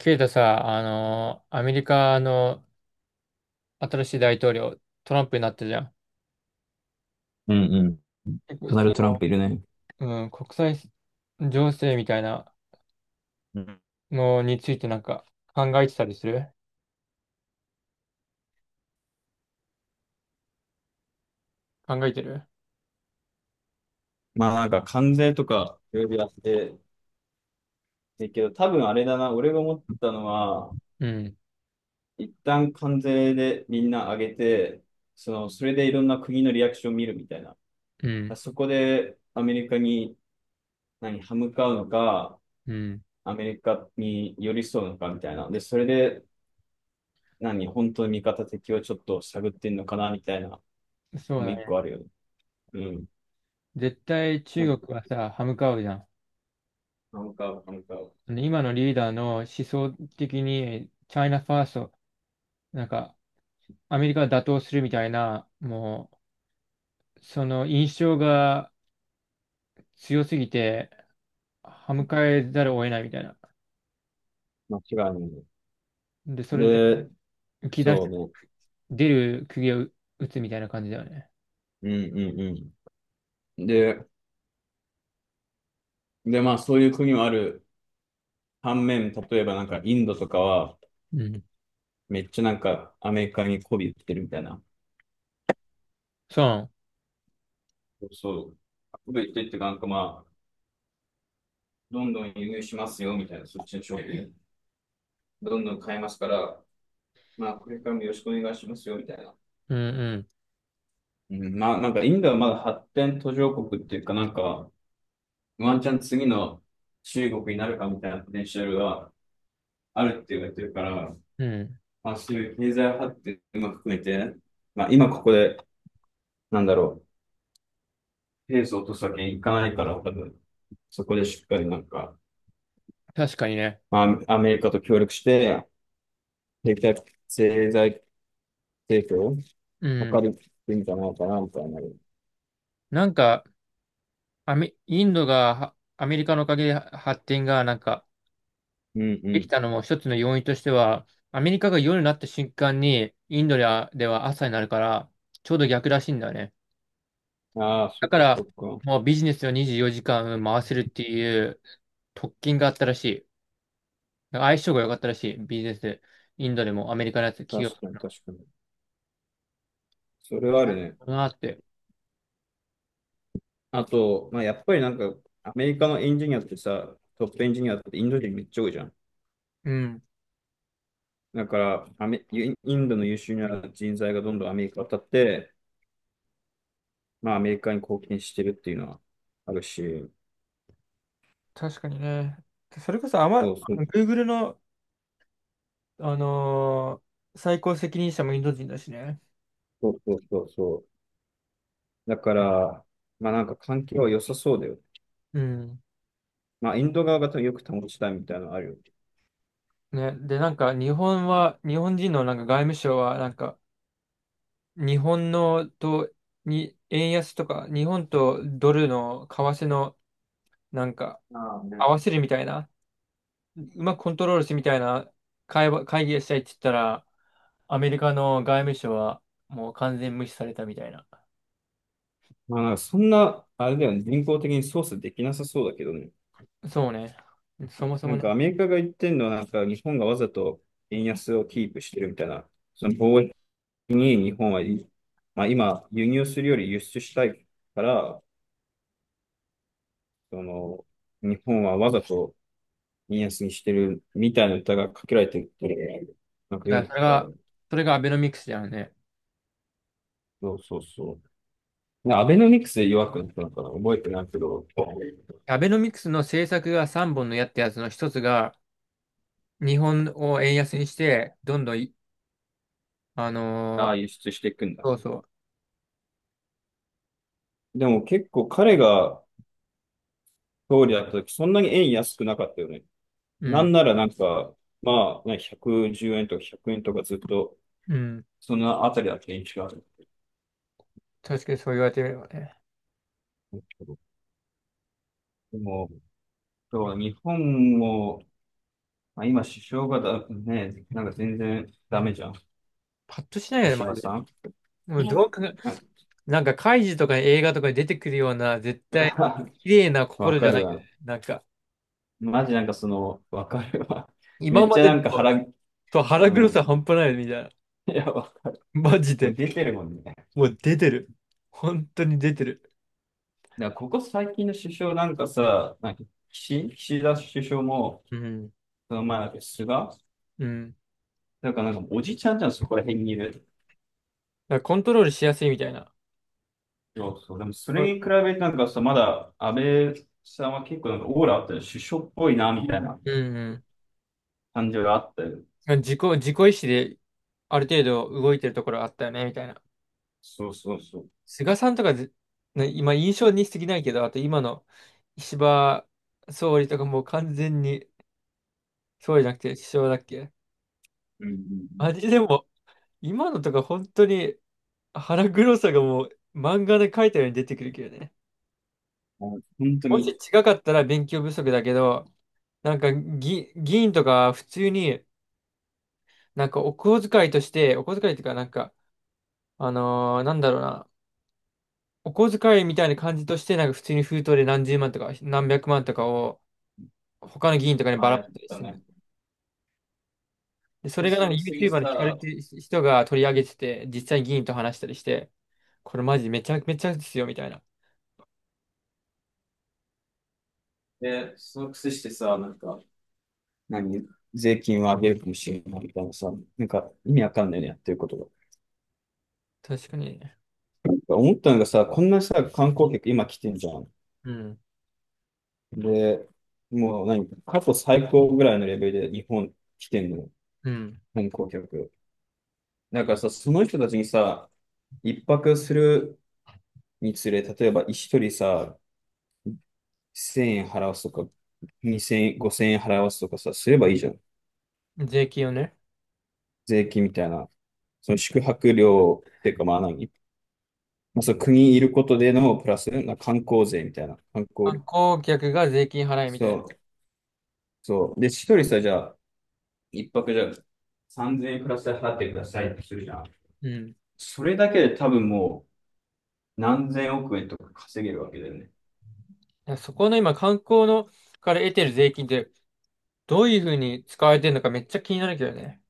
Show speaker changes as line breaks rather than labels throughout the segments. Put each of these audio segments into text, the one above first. ケイタさ、アメリカの新しい大統領、トランプになったじゃん。
うんうん。
結構
ドナルド・トランプいるね。
うん、国際情勢みたいな
うん。
のについてなんか考えてたりする考えてる。
まあなんか関税とかいろいろやってるけど、多分あれだな、俺が思ったのは、
うん、
一旦関税でみんな上げて、それでいろんな国のリアクションを見るみたいな。
うん、
そこでアメリカに何、歯向かうのか、
うん。
アメリカに寄り添うのかみたいな。で、それで何、本当に味方敵をちょっと探ってんのかなみたいな、も
そう
う
だ
一
ね。
個あるよね。うん。
絶対
なん
中
か、
国はさ、歯向かうじゃん。
なんか、
その今のリーダーの思想的に、チャイナファースト、なんか、アメリカを打倒するみたいな、もう、その印象が強すぎて、歯向かえざるを得ないみたいな。
間違いないね。
で、それで
で、
浮き出し、
そ
出る釘を打つみたいな感じだよね。
うね。うんうんうん。で、まあそういう国もある。反面、例えばなんかインドとかは、
うん。
めっちゃなんかアメリカに媚び売ってるみたいな。
そ
そう。媚び売ってってか、なんかまあ、どんどん輸入しますよみたいな、そっちの商品。どんどん買いますから、まあこれからもよろしくお願いしますよみたいな。
う。うん
うん、まあなんかインドはまだ発展途上国っていうか、なんか、ワンチャン次の中国になるかみたいなポテンシャルがあるって言われてるから、
うん。うん。
まあ、そういう経済発展も含めて、まあ、今ここで、なんだろう、ペースを落とすわけにいかないから、多分、そこでしっかりなんか、
確かにね。
まあ、アメリカと協力して、経済、経済成長を
う
図
ん。
るってんじゃないかな、みたいな。うん
なんか、インドがはアメリカのおかげでは発展がなんかで
う
きたのも一つの要因としては、アメリカが夜になった瞬間にインドでは朝になるから、ちょうど逆らしいんだよね。
ん。ああ、そ
だ
っ
か
かそ
ら、
っか。
もうビジネスを24時間回せるっていう特権があったらしい。なんか相性が良かったらしい、ビジネス。インドでもアメリカのやつ、企
確
業。
かに確かに。それはあるね。
なって。
あと、まあ、やっぱりなんか、アメリカのエンジニアってさ、トップエンジニアってインド人めっちゃ多いじゃん。
うん。
だから、アメ、インインドの優秀な人材がどんどんアメリカ渡って、まあ、アメリカに貢献してるっていうのはあるし、
確かにね。それこそ、
そうそう
Google の、あの最高責任者もインド人だしね。
そうそうそうそう。だから、まあなんか環境は良さそうだよ。
うん。
まあ、インド側がよく保ちたいみたいなのあるよ。
ね。で、なんか、日本は、日本人のなんか外務省は、なんか、日本のと、に、円安とか、日本とドルの為替の、なんか、
ああね。
合わせるみたいな、うまくコントロールしてみたいな会話、会議をしたいって言ったら、アメリカの外務省はもう完全無視されたみたいな。
まあなんかそんな、あれだよね、人工的に操作できなさそうだけどね。
そうね。そもそ
な
も
んか
ね。
アメリカが言ってんのは、なんか日本がわざと円安をキープしてるみたいな、その貿易に日本はまあ今、輸入するより輸出したいから、その、日本はわざと見やすぎしてるみたいな歌がかけられてるっていうのをなんか読ん
だ
だ
からそれ
ことあ
が、
る。
それがアベノミクスだよね。
そうそうそう。でアベノミクスで弱くなったのかな覚えてないけど、
アベノミクスの政策が3本の矢ってやつの一つが、日本を円安にして、どんどんい、あ
あ
のー
あ、輸出していくんだ。
そうそ
でも結構彼が総理だった時、そんなに円安くなかったよね。
う、う
なん
ん、
ならなんか、まあ、ね、110円とか100円とかずっと、
うん、
そのあたりだった印象ある。
確かにそう言われてみればね。
でも、そうだ日本も、まあ、今首相がだ、ね、なんか全然ダメじゃん。
パッとしないよね、
石
マ
破
ジで。
さん。
もう
なん
ど
か
うか、なんか、カイジとか映画とかに出てくるような、絶対、綺麗な
わ
心じ
か
ゃない
る
よね。
わ。
なんか、
マジなんかその、わかるわ。め
今
っ
ま
ちゃ
で
な
の、
んか腹、う
と腹黒
ん。
さ半端ないよねみたいな。
いや、
マジ
もう
で。
出てるもんね。だか
もう出てる。本当に出てる。
らここ最近の首相なんかさ、なんか岸田首相も、
うん。
その前だっけ、菅
うん。
なんかなんかおじちゃんじゃん、そこら辺にいる。
だからコントロールしやすいみたいな。
そうそう。でもそ
う
れ
ん
に比べてなんかさ、まだ安倍さんは結構なんかオーラあったよ。首相っぽいな、みたいな
うん
感じがあったよ。
うん。自己意志である程度動いてるところあったよね、みたいな。
そうそうそう。
菅さんとかず、ね今印象に過ぎないけど、あと今の石破総理とかもう完全に、総理じゃなくて首相だっけ。
うんうん
あれでも、今のとか本当に腹黒さがもう漫画で描いたように出てくるけどね。
うん。もう本当
もし
に、
違かったら勉強不足だけど、なんか議員とか普通になんかお小遣いとして、お小遣いとかなんかなんだろうな。お小遣いみたいな感じとして、なんか普通に封筒で何十万とか何百万とかを他の議員とかに
あ
ば
あ
ら
や
まい
っ
たりし
た
て
ね。
る。で、そ
で、
れが
そ
なんか
の次
YouTuber に惹かれ
さ、
てる人が取り上げてて、実際に議員と話したりして、これマジめちゃめちゃですよ、みたいな。
で、その癖してさ、なんか、何税金を上げるかもしれないみたいなさ、なんか意味わかんないね、やってることが。
確かに。
なんか思ったのがさ、こんなさ、観光客今来てんじゃん。
うん。
で、もう何、過去最高ぐらいのレベルで日本来てんの、
うん。
観光客。だからさ、その人たちにさ、一泊するにつれ、例えば一人さ、1000円払わすとか、2000 5000円払わすとかさ、すればいいじゃん。
税金をね。
税金みたいな。その宿泊料っていうか、まあ何、まあ、そう、国にいることでのプラス、なんか観光税みたいな。観
観
光、
光客が税金払いみたい
そ
な。
う、そう。で、一人さ、じゃあ、一泊じゃあ、3000円プラスで払ってくださいってするじゃん。
うん。だ
それだけで多分もう何千億円とか稼げるわけだよね。
からそこの今、観光のから得てる税金ってどういう風に使われてるのかめっちゃ気になるけどね。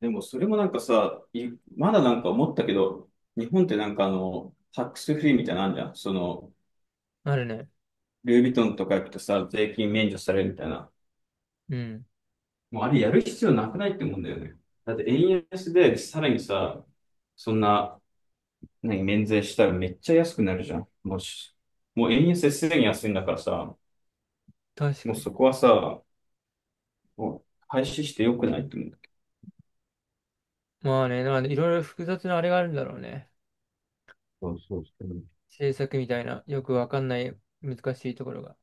でもそれもなんかさ、いまだなんか思ったけど、日本ってなんかタックスフリーみたいなのあんじゃん。その、
なるね。
ルイ・ヴィトンとか行くとさ、税金免除されるみたいな。
うん。
もうあれやる必要なくないって思うんだよね。だって円安でさらにさ、そんな、何、免税したらめっちゃ安くなるじゃん。もし、もう円安すでに安いんだからさ、
確
も
か
う
に。
そこはさ、もう廃止してよくないって思うんだけ
まあね、なんでいろいろ複雑なあれがあるんだろうね。
ど。そうそうそう。
制作みたいな、よくわかんない難しいところが。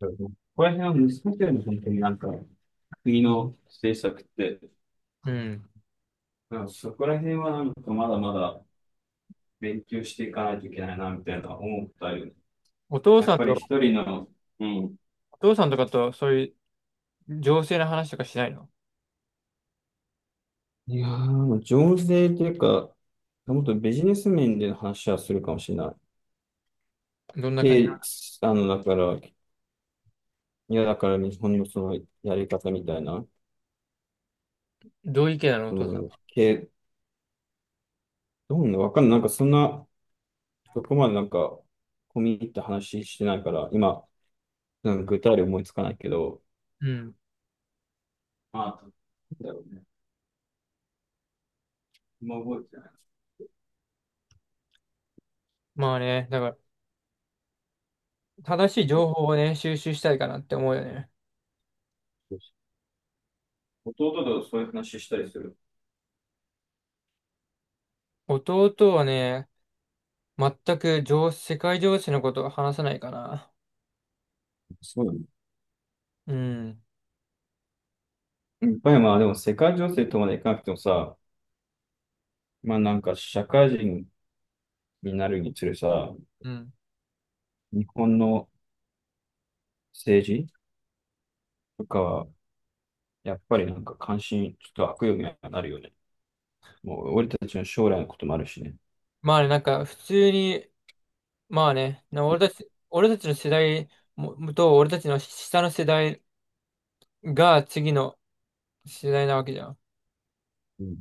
なんかここら辺は難しいよね、本当になんか、国の政策って。
うん。
なんかそこら辺はなんかまだまだ勉強していかないといけないな、みたいな思ったよね。
お父
やっ
さん
ぱり
と、
一人の、うん。
お父さんとかとそういう情勢の話とかしないの？
いやー、もう増税というか、もっとビジネス面での話はするかもしれない。
どんな感じ
で、
な
だから、いや、だから日本のそのやり方みたいな、
の？どういう意見なのお
う
父さん
ん、
は？
どんな、わかんない。なんかそんな、そこまでなんか、込み入った話してないから、今、なんか具体例思いつかないけど、
うん。
ああ、なんだろうね。今覚えてない。
まあね、だから正しい情報をね、収集したいかなって思うよね。
そうそう弟とそういう話したりする。
弟はね、全く情、世界情勢のことを話さないかな。
そうだね。
うん。
やっぱりまあでも世界情勢とまでいかなくてもさ、まあなんか社会人になるにつれさ、
うん。
日本の政治とかは、やっぱりなんか関心、ちょっと悪用にはなるよね。もう俺たちの将来のこともあるしね。
まあね、なんか普通に。まあね、な俺たち、俺たちの世代もと、俺たちの下の世代が次の世代なわけじゃん。
うん。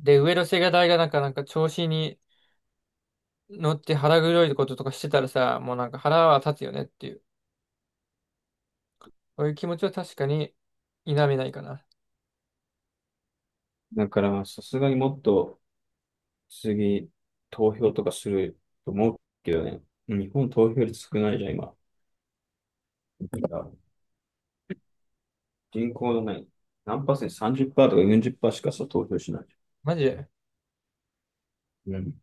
で、上の世代がなんか調子に乗って腹黒いこととかしてたらさ、もうなんか腹は立つよねっていう、そういう気持ちは確かに否めないかな。
だからまあ、さすがにもっと次、投票とかすると思うけどね。日本投票率少ないじゃん、今。だから人口のない何パーセント、30%とか40%しかさ、投票しないじ
マジで
ゃん。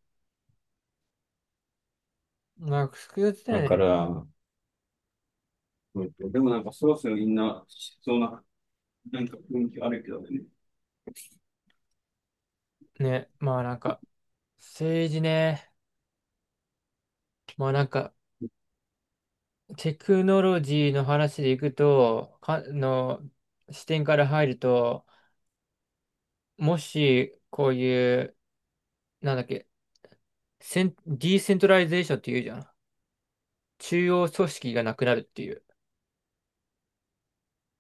なんか複雑
うん。
だ
だ
よ
か
ね。
ら、うんでもなんかそろそろみんな、しそうな、なんか雰囲気あるけどね。
ね、まあなんか、政治ね、まあなんか、テクノロジーの話でいくと、視点から入ると、もし、こういう、なんだっけ、ディーセントラリゼーションって言うじゃん。中央組織がなくなるっていう。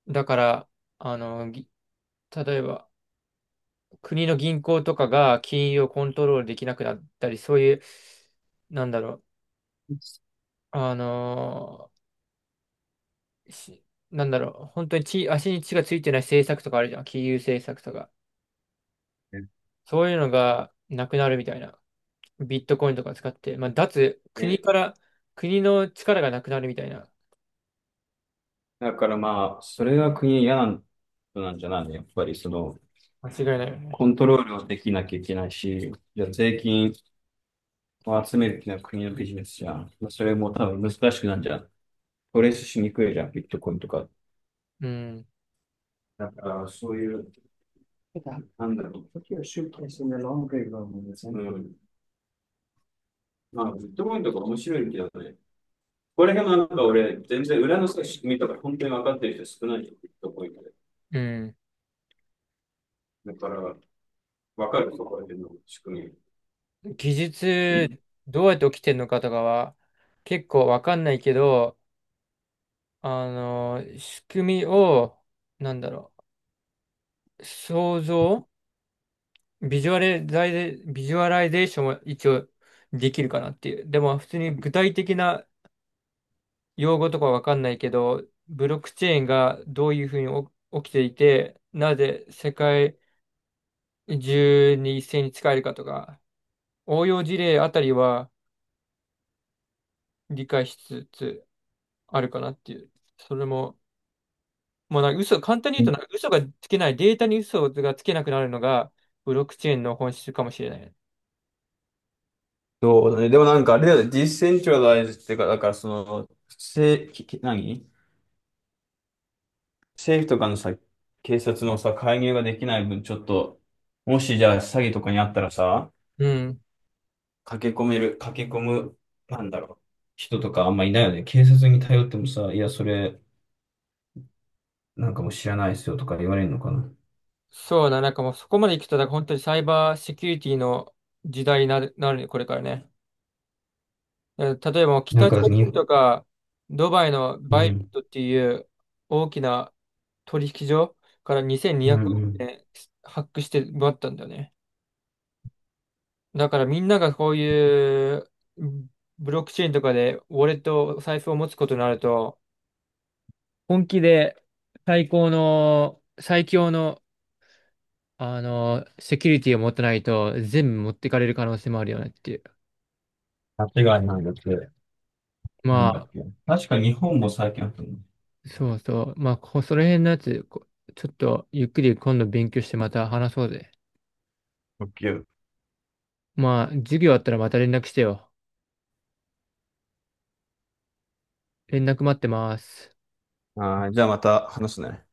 だから、あの、ぎ例えば、国の銀行とかが金融をコントロールできなくなったり、そういう、なんだろう、あのーしなんだろう、本当に地足に血がついてない政策とかあるじゃん。金融政策とか。
ね
そういうのがなくなるみたいな。ビットコインとか使って、まあ、脱、国
ね。
から、国の力がなくなるみたいな。
だからまあ、それが国嫌なんなんじゃないのやっぱりその、
間違いないよ
コ
ね。
ントロールをできなきゃいけないし、じゃあ税金を集めるっていうのは国のビジネスじゃん。まあ、それも多分難しくなんじゃん。トレースしにくいじゃん、ビットコインとか。
うん。
だからそういう、なんだろう。うん。まあ、ビットコインとか面白いけどね。これ辺もなんか俺、全然裏のさ、仕組みとか本当に分かってる人少ないよ、ビットコインで。
うん。
だから、分かるところ辺の仕組
技
み。
術どうやって起きてるのかとかは結構わかんないけど、仕組みを、なんだろう、想像、ビジュアラビジュアライゼーションは一応できるかなっていう。でも普通に具体的な用語とかわかんないけど、ブロックチェーンがどういうふうにお起きていて、なぜ世界中に一斉に使えるかとか、応用事例あたりは理解しつつあるかなっていう。それももうなんか嘘、簡単に言うとなんか嘘がつけない、データに嘘がつけなくなるのが、ブロックチェーンの本質かもしれない。
そうだね。でもなんかあれだよね、ディセントラライズっていうか、だからその、せ、き、き何政府とかのさ、警察のさ、介入ができない分、ちょっと、もしじゃあ詐欺とかにあったらさ、
うん。
駆け込める、駆け込む、なんだろう、人とかあんまいないよね。警察に頼ってもさ、いや、それ、なんかもう知らないっすよとか言われるのかな。
そうだ、なんかもうそこまで行くと、なんか本当にサイバーセキュリティの時代になるね、これからね。だから例えばもう
なん
北
か
朝
だってに、
鮮
う
とか、ドバイのバイビ
ん、
ットっていう大きな取引所から2200
うん、う
億
ん。
円発掘して奪ったんだよね。だからみんながこういうブロックチェーンとかでウォレット、お財布を持つことになると、本気で最高の、最強の、セキュリティを持ってないと全部持ってかれる可能性もあるよねっていう。
間違いないだって、な
ま
んだっ
あ、
け。確か日本も最近あったの。
そうそう。まあ、その辺のやつ、ちょっとゆっくり今度勉強してまた話そうぜ。
オッケー。
まあ、授業あったらまた連絡してよ。連絡待ってます。
ああ、じゃあまた話すね。